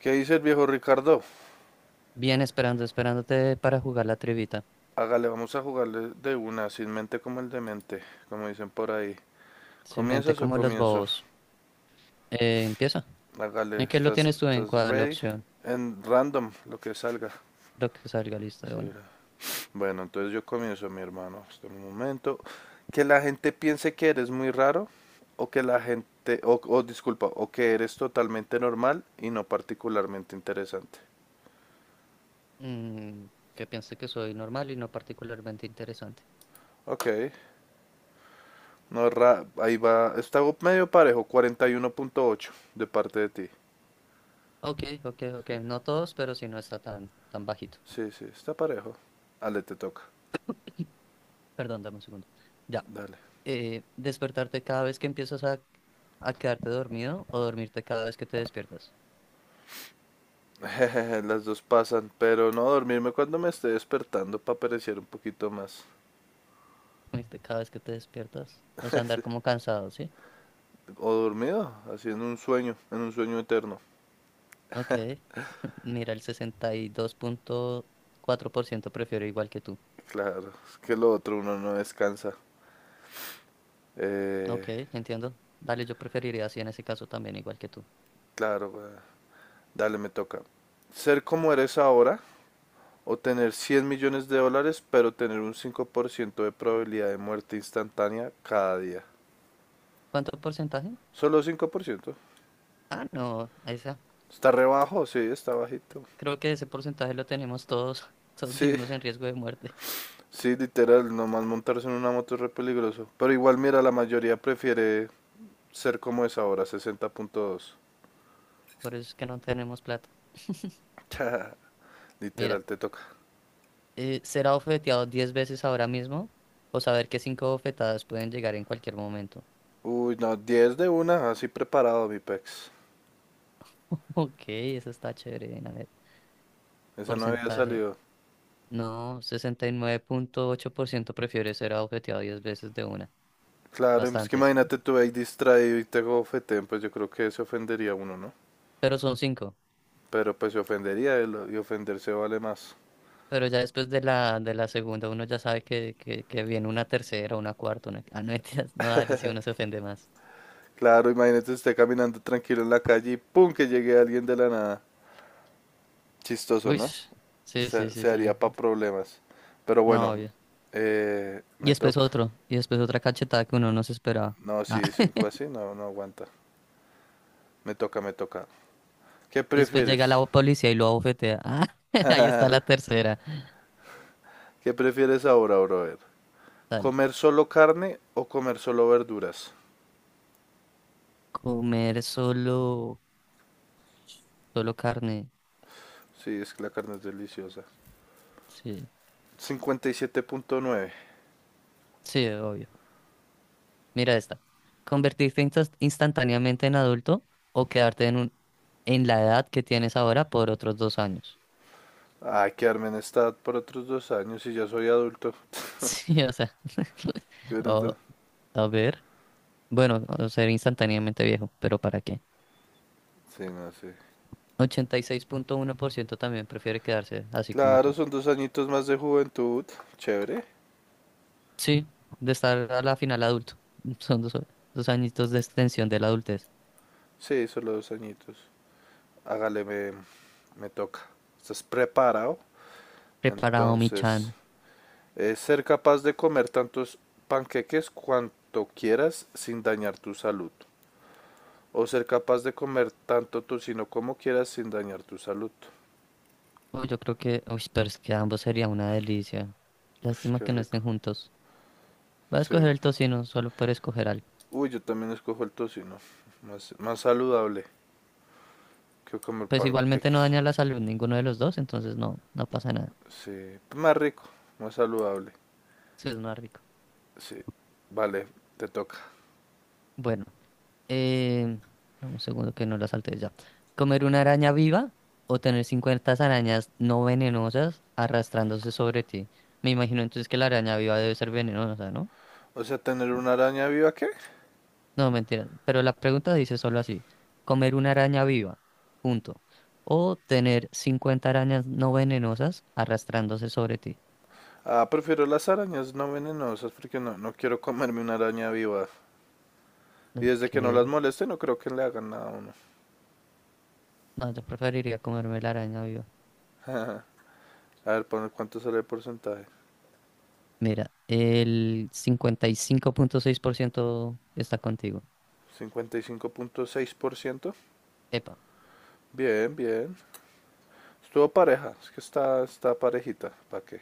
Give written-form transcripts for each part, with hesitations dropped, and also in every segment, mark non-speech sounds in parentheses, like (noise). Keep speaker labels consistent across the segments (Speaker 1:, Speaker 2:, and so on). Speaker 1: ¿Qué dice el viejo Ricardo?
Speaker 2: Bien, esperando, esperándote para jugar la trivita.
Speaker 1: Hágale, vamos a jugarle de una, sin mente como el demente, como dicen por ahí.
Speaker 2: Simplemente
Speaker 1: ¿Comienzas o
Speaker 2: como los
Speaker 1: comienzo?
Speaker 2: bobos. Empieza.
Speaker 1: Hágale,
Speaker 2: ¿En qué lo
Speaker 1: estás,
Speaker 2: tienes tú, en
Speaker 1: estás
Speaker 2: cuál
Speaker 1: ready
Speaker 2: opción?
Speaker 1: en random, lo que salga.
Speaker 2: Lo que salga, lista de
Speaker 1: Sí,
Speaker 2: una.
Speaker 1: bueno, entonces yo comienzo, mi hermano. Hasta un momento. Que la gente piense que eres muy raro, o que la gente, o disculpa, o que eres totalmente normal y no particularmente interesante.
Speaker 2: Mm, que piense que soy normal y no particularmente interesante.
Speaker 1: Ok, no, ahí va, está medio parejo, cuarenta y uno punto ocho de parte de ti.
Speaker 2: Ok, ok, ok. No todos, pero si no está tan bajito.
Speaker 1: Sí, sí, está parejo. Ale, te toca.
Speaker 2: Perdón, dame un segundo. Ya.
Speaker 1: Dale.
Speaker 2: ¿Despertarte cada vez que empiezas a quedarte dormido, o dormirte cada vez que te despiertas?
Speaker 1: (laughs) Las dos pasan, pero no dormirme cuando me esté despertando para perecer un poquito más.
Speaker 2: Dormirte cada vez que te despiertas. O sea, andar como cansado, ¿sí?
Speaker 1: O dormido, así en un sueño eterno.
Speaker 2: Ok. (laughs) Mira, el sesenta y dos punto cuatro por ciento prefiero igual que tú.
Speaker 1: Claro, es que lo otro uno no descansa.
Speaker 2: Ok,
Speaker 1: Eh,
Speaker 2: entiendo. Dale, yo preferiría así en ese caso también, igual que tú.
Speaker 1: claro, güey. Dale, me toca. Ser como eres ahora o tener 100 millones de dólares, pero tener un 5% de probabilidad de muerte instantánea cada día.
Speaker 2: ¿Cuánto porcentaje?
Speaker 1: Solo 5%.
Speaker 2: Ah, no, esa.
Speaker 1: Está rebajo, sí, está bajito.
Speaker 2: Creo que ese porcentaje lo tenemos todos. (laughs) Todos
Speaker 1: Sí,
Speaker 2: vivimos en riesgo de muerte.
Speaker 1: sí, literal, nomás montarse en una moto es re peligroso. Pero igual, mira, la mayoría prefiere ser como es ahora, 60.2.
Speaker 2: Por eso es que no tenemos plata. (laughs)
Speaker 1: (laughs)
Speaker 2: Mira,
Speaker 1: Literal, te toca.
Speaker 2: ser abofeteado 10 veces ahora mismo, o saber que cinco bofetadas pueden llegar en cualquier momento.
Speaker 1: Uy, no, diez de una, así preparado, mi pex.
Speaker 2: (laughs) Ok, eso está chévere. A ver,
Speaker 1: Esa no había
Speaker 2: porcentaje.
Speaker 1: salido.
Speaker 2: No, sesenta y nueve punto ocho por ciento prefiere ser objetivado 10 veces de una.
Speaker 1: Claro, es que
Speaker 2: Bastantes.
Speaker 1: imagínate tú ahí distraído y te gofeten, pues yo creo que se ofendería uno, ¿no?
Speaker 2: Pero son cinco.
Speaker 1: Pero pues se ofendería él y ofenderse vale más.
Speaker 2: Pero ya después de la segunda uno ya sabe que, que viene una tercera, una cuarta, una... Ah, no, (laughs) mentiras, no, dale, si uno se ofende más.
Speaker 1: Claro, imagínate esté caminando tranquilo en la calle y ¡pum! Que llegue alguien de la nada. Chistoso,
Speaker 2: Uy,
Speaker 1: ¿no?
Speaker 2: sí, sí,
Speaker 1: se,
Speaker 2: sí,
Speaker 1: se
Speaker 2: sí.
Speaker 1: haría para problemas. Pero
Speaker 2: No,
Speaker 1: bueno,
Speaker 2: obvio. Y
Speaker 1: me
Speaker 2: después
Speaker 1: toca.
Speaker 2: otro. Y después otra cachetada que uno no se esperaba.
Speaker 1: No,
Speaker 2: Ah,
Speaker 1: sí, cinco así,
Speaker 2: (laughs)
Speaker 1: no, no aguanta. Me toca, me toca. ¿Qué
Speaker 2: y después llega
Speaker 1: prefieres?
Speaker 2: la policía y lo abofetea. Ah, (laughs) ahí está la
Speaker 1: (laughs)
Speaker 2: tercera.
Speaker 1: ¿Qué prefieres ahora, brother?
Speaker 2: Dale.
Speaker 1: ¿Comer solo carne o comer solo verduras?
Speaker 2: Comer solo carne.
Speaker 1: Sí, es que la carne es deliciosa.
Speaker 2: Sí,
Speaker 1: Cincuenta y siete punto nueve.
Speaker 2: sí, obvio. Mira esta. Convertirte instantáneamente en adulto, o quedarte en la edad que tienes ahora por otros dos años. (laughs)
Speaker 1: Ay, quedarme en estado por otros dos años y ya soy adulto. (laughs)
Speaker 2: Sí, o sea. (laughs)
Speaker 1: Qué bueno,
Speaker 2: O,
Speaker 1: entonces
Speaker 2: a ver. Bueno, o ser instantáneamente viejo, pero ¿para qué?
Speaker 1: sí, no, sí.
Speaker 2: Ochenta y seis punto uno por ciento también prefiere quedarse así como
Speaker 1: Claro,
Speaker 2: tú.
Speaker 1: son dos añitos más de juventud. Chévere.
Speaker 2: Sí, de estar a la final adulto. (laughs) Son dos, dos añitos de extensión de la adultez.
Speaker 1: Sí, solo dos añitos. Hágale, me toca. ¿Estás preparado?
Speaker 2: Preparado, mi
Speaker 1: Entonces,
Speaker 2: chan.
Speaker 1: es ser capaz de comer tantos panqueques cuanto quieras sin dañar tu salud. O ser capaz de comer tanto tocino como quieras sin dañar tu salud.
Speaker 2: Uy, yo creo que, uy, pero es que ambos sería una delicia.
Speaker 1: Ush,
Speaker 2: Lástima
Speaker 1: qué
Speaker 2: que no
Speaker 1: rico.
Speaker 2: estén juntos. Voy a
Speaker 1: Sí.
Speaker 2: escoger el tocino solo por escoger algo.
Speaker 1: Uy, yo también escojo el tocino. Más, más saludable que comer
Speaker 2: Pues igualmente no
Speaker 1: panqueques.
Speaker 2: daña la salud ninguno de los dos, entonces no, no pasa nada.
Speaker 1: Sí. Más rico, más saludable.
Speaker 2: Sí, es más rico.
Speaker 1: Sí. Vale, te toca.
Speaker 2: Bueno, eh, dame un segundo que no la salte ya. ¿Comer una araña viva, o tener 50 arañas no venenosas arrastrándose sobre ti? Me imagino entonces que la araña viva debe ser venenosa, ¿no?
Speaker 1: O sea, tener
Speaker 2: No,
Speaker 1: una araña viva, ¿qué?
Speaker 2: no, mentira. Pero la pregunta dice solo así. ¿Comer una araña viva? Punto. O tener 50 arañas no venenosas arrastrándose sobre ti.
Speaker 1: Ah, prefiero las arañas no venenosas porque no, no quiero comerme una araña viva. Y desde que no las
Speaker 2: Ok.
Speaker 1: moleste no creo que le hagan nada a uno.
Speaker 2: No, yo preferiría comerme la araña viva.
Speaker 1: (laughs) A ver, ¿cuánto sale el porcentaje?
Speaker 2: Mira, el cincuenta y cinco punto seis por ciento está contigo.
Speaker 1: Cincuenta y cinco punto seis por ciento.
Speaker 2: Epa.
Speaker 1: Bien, bien. Estuvo pareja, es que está, está parejita. ¿Para qué?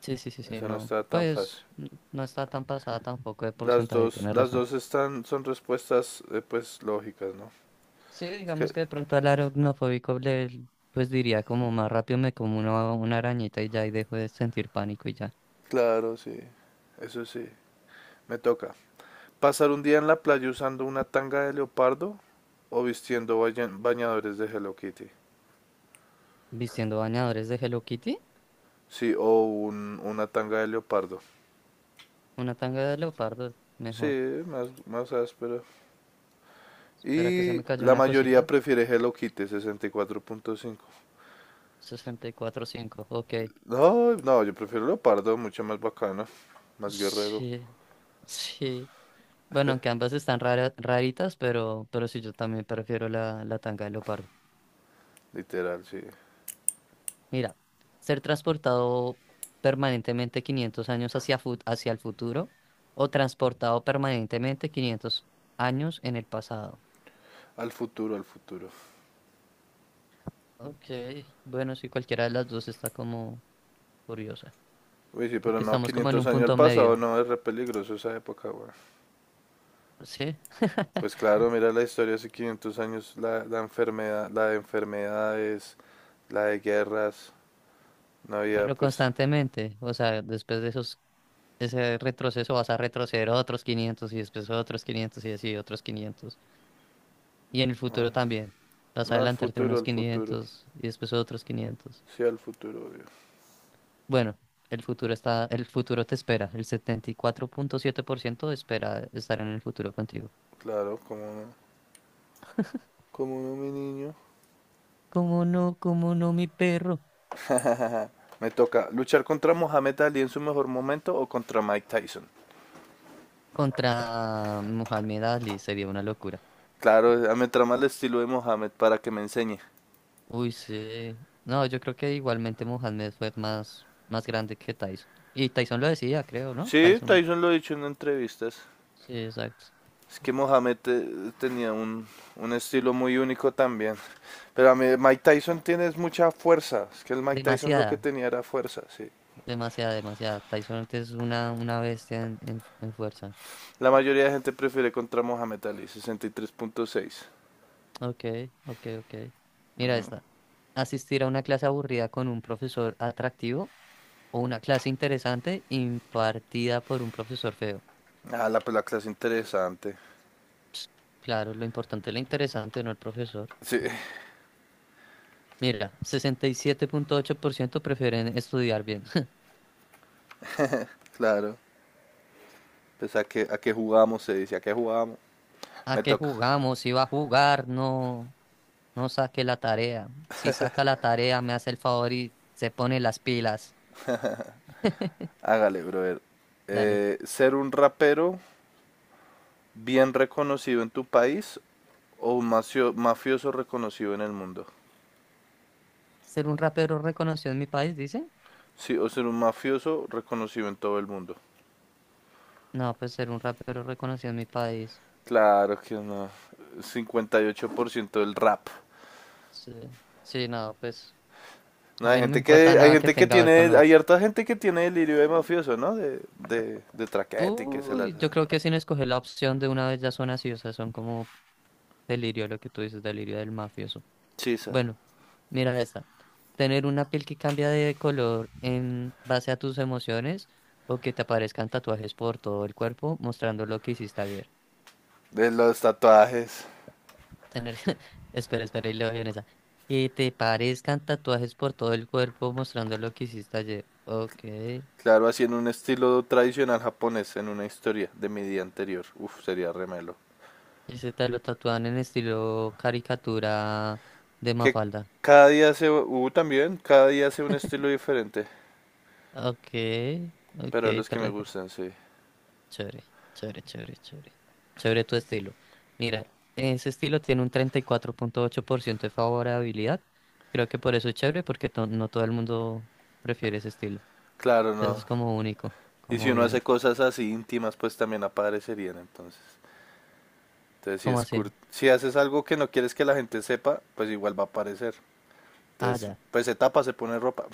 Speaker 2: Sí, sí, sí, sí,
Speaker 1: Esa no
Speaker 2: no.
Speaker 1: está tan fácil.
Speaker 2: Pues no está tan pasada tampoco de porcentaje, tienes
Speaker 1: Las
Speaker 2: razón.
Speaker 1: dos están, son respuestas pues lógicas, ¿no?
Speaker 2: Sí,
Speaker 1: Es
Speaker 2: digamos
Speaker 1: que,
Speaker 2: que de pronto al aracnofóbico le, pues diría como más rápido me como una arañita y ya, y dejo de sentir pánico y ya.
Speaker 1: claro, sí. Eso sí. Me toca. ¿Pasar un día en la playa usando una tanga de leopardo o vistiendo bañadores de Hello Kitty?
Speaker 2: Vistiendo bañadores de Hello Kitty,
Speaker 1: Sí, o una tanga de leopardo.
Speaker 2: una tanga de leopardo, mejor.
Speaker 1: Sí, más, más áspero.
Speaker 2: Espera que se
Speaker 1: Y
Speaker 2: me cayó
Speaker 1: la
Speaker 2: una
Speaker 1: mayoría
Speaker 2: cosita.
Speaker 1: prefiere Hello Kitty, 64.5.
Speaker 2: Sesenta y cuatro punto cinco, ok.
Speaker 1: No, no, yo prefiero leopardo, mucho más bacano, más guerrero,
Speaker 2: Sí, sí. Bueno, que ambas están raritas, pero sí, yo también prefiero la tanga de leopardo.
Speaker 1: literal, sí.
Speaker 2: Mira, ser transportado permanentemente 500 años hacia el futuro, o transportado permanentemente 500 años en el pasado.
Speaker 1: Al futuro, al futuro.
Speaker 2: Ok, bueno, sí, cualquiera de las dos está como curiosa,
Speaker 1: Uy, sí, pero
Speaker 2: porque
Speaker 1: no,
Speaker 2: estamos como en
Speaker 1: 500
Speaker 2: un
Speaker 1: años al
Speaker 2: punto medio,
Speaker 1: pasado, no, es re peligroso esa época, güey.
Speaker 2: ¿sí? (laughs)
Speaker 1: Pues claro, mira la historia hace 500 años, la enfermedad, la de enfermedades, la de guerras, no había
Speaker 2: Pero
Speaker 1: pues,
Speaker 2: constantemente, o sea, después de esos, ese retroceso vas a retroceder otros 500 y después otros 500 y así otros 500. Y en el futuro
Speaker 1: no,
Speaker 2: también. Vas a
Speaker 1: no,
Speaker 2: adelantarte unos
Speaker 1: al futuro,
Speaker 2: 500 y después otros quinientos.
Speaker 1: sí al futuro, obvio.
Speaker 2: Bueno, el futuro está, el futuro te espera. El setenta y cuatro punto siete por ciento espera estar en el futuro contigo.
Speaker 1: Claro, como no mi niño.
Speaker 2: ¿Cómo no? ¿Cómo no, mi perro?
Speaker 1: (laughs) Me toca luchar contra Mohamed Ali en su mejor momento o contra Mike Tyson.
Speaker 2: Contra Mohamed Ali sería una locura.
Speaker 1: Claro, me trama el estilo de Mohamed para que me enseñe.
Speaker 2: Uy, sí. No, yo creo que igualmente Mohamed fue más, más grande que Tyson. Y Tyson lo decía, creo, ¿no?
Speaker 1: Sí,
Speaker 2: Tyson.
Speaker 1: Tyson lo ha dicho en entrevistas.
Speaker 2: Sí, exacto.
Speaker 1: Es que Mohamed tenía un estilo muy único también. Pero a mí, Mike Tyson tiene mucha fuerza. Es que el Mike Tyson lo que
Speaker 2: Demasiada,
Speaker 1: tenía era fuerza, sí.
Speaker 2: demasiada, demasiada. Tyson es una bestia en fuerza.
Speaker 1: La mayoría de gente prefiere contra Mohamed Ali, 63.6.
Speaker 2: Ok, ok, ok. Mira esta. Asistir a una clase aburrida con un profesor atractivo, o una clase interesante impartida por un profesor feo.
Speaker 1: Ah, la, pues la clase interesante.
Speaker 2: Claro, lo importante es lo interesante, no el profesor.
Speaker 1: Sí,
Speaker 2: Mira, sesenta y siete punto ocho por ciento prefieren estudiar bien. (laughs)
Speaker 1: claro. Pues a qué jugamos, se dice, a qué jugamos.
Speaker 2: ¿A
Speaker 1: Me
Speaker 2: qué
Speaker 1: toca.
Speaker 2: jugamos? Si va a jugar, no, no saque la tarea. Si saca la tarea, me hace el favor y se pone las pilas. (laughs)
Speaker 1: Hágale, brother.
Speaker 2: Dale.
Speaker 1: Ser un rapero bien reconocido en tu país o un mafioso reconocido en el mundo.
Speaker 2: ¿Ser un rapero reconocido en mi país, dice?
Speaker 1: Sí, o ser un mafioso reconocido en todo el mundo.
Speaker 2: No, pues ser un rapero reconocido en mi país.
Speaker 1: Claro que no. 58% del rap.
Speaker 2: Sí, sí, no, pues
Speaker 1: No,
Speaker 2: a mí no me importa
Speaker 1: hay
Speaker 2: nada que
Speaker 1: gente que
Speaker 2: tenga que ver con
Speaker 1: tiene,
Speaker 2: lo
Speaker 1: hay
Speaker 2: otro.
Speaker 1: harta gente que tiene delirio de mafioso, ¿no? De traquete y que se las
Speaker 2: Uy, yo creo que sin escoger la opción de una vez ya son así, o sea, son como delirio lo que tú dices, delirio del mafioso.
Speaker 1: chisa.
Speaker 2: Bueno, mira esta. Tener una piel que cambia de color en base a tus emociones, o que te aparezcan tatuajes por todo el cuerpo mostrando lo que hiciste ayer.
Speaker 1: De los tatuajes.
Speaker 2: Tener, (laughs) espera, espera, y leo bien esa. Que te parezcan tatuajes por todo el cuerpo mostrando lo que hiciste ayer. Ok.
Speaker 1: Claro, así en un estilo tradicional japonés, en una historia de mi día anterior. Uf, sería remelo.
Speaker 2: Ese tal lo tatúan en estilo caricatura de
Speaker 1: Que
Speaker 2: Mafalda.
Speaker 1: cada día se, también, cada día hace un estilo diferente.
Speaker 2: Ok, ok,
Speaker 1: Pero los
Speaker 2: te
Speaker 1: que me
Speaker 2: rete.
Speaker 1: gustan, sí.
Speaker 2: Chévere, chévere, chévere, chévere. Chévere tu estilo. Mira, ese estilo tiene un treinta y cuatro punto ocho por ciento de favorabilidad. Creo que por eso es chévere, porque no todo el mundo prefiere ese estilo.
Speaker 1: Claro,
Speaker 2: Entonces
Speaker 1: no.
Speaker 2: es como único,
Speaker 1: Y
Speaker 2: como
Speaker 1: si uno hace
Speaker 2: bien.
Speaker 1: cosas así íntimas, pues también aparecerían entonces. Entonces, si,
Speaker 2: ¿Cómo
Speaker 1: es
Speaker 2: así?
Speaker 1: si haces algo que no quieres que la gente sepa, pues igual va a aparecer.
Speaker 2: Ah,
Speaker 1: Entonces,
Speaker 2: ya.
Speaker 1: pues se tapa, se pone ropa.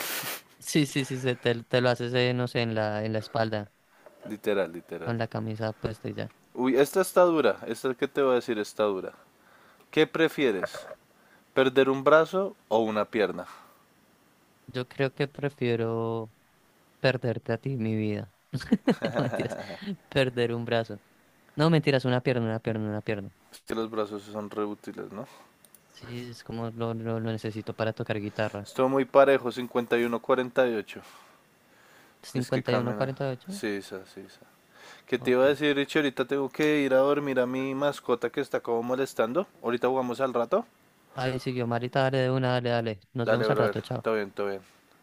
Speaker 2: Sí, sí, sí, te lo haces, no sé, en en la espalda,
Speaker 1: (laughs) Literal, literal.
Speaker 2: con la camisa puesta y ya.
Speaker 1: Uy, esta está dura. Esta que te voy a decir está dura. ¿Qué prefieres? ¿Perder un brazo o una pierna?
Speaker 2: Yo creo que prefiero. Perderte a ti, mi vida. (laughs) No, mentiras. Perder un brazo. No, mentiras, una pierna, una pierna, una pierna.
Speaker 1: Es que los brazos sí son reútiles, ¿no?
Speaker 2: Sí, es como lo necesito para tocar guitarra.
Speaker 1: Estuvo muy parejo, 51-48. Es que camina.
Speaker 2: 51-48.
Speaker 1: Sí, esa, sí, esa. ¿Qué te iba
Speaker 2: Ok.
Speaker 1: a decir, Richie? Ahorita tengo que ir a dormir a mi mascota que está como molestando. Ahorita jugamos al rato.
Speaker 2: Ahí siguió, Marita. Dale de una, dale, dale. Nos
Speaker 1: Dale,
Speaker 2: vemos al
Speaker 1: brother.
Speaker 2: rato, chao.
Speaker 1: Todo bien, todo bien.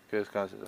Speaker 1: Que descanses.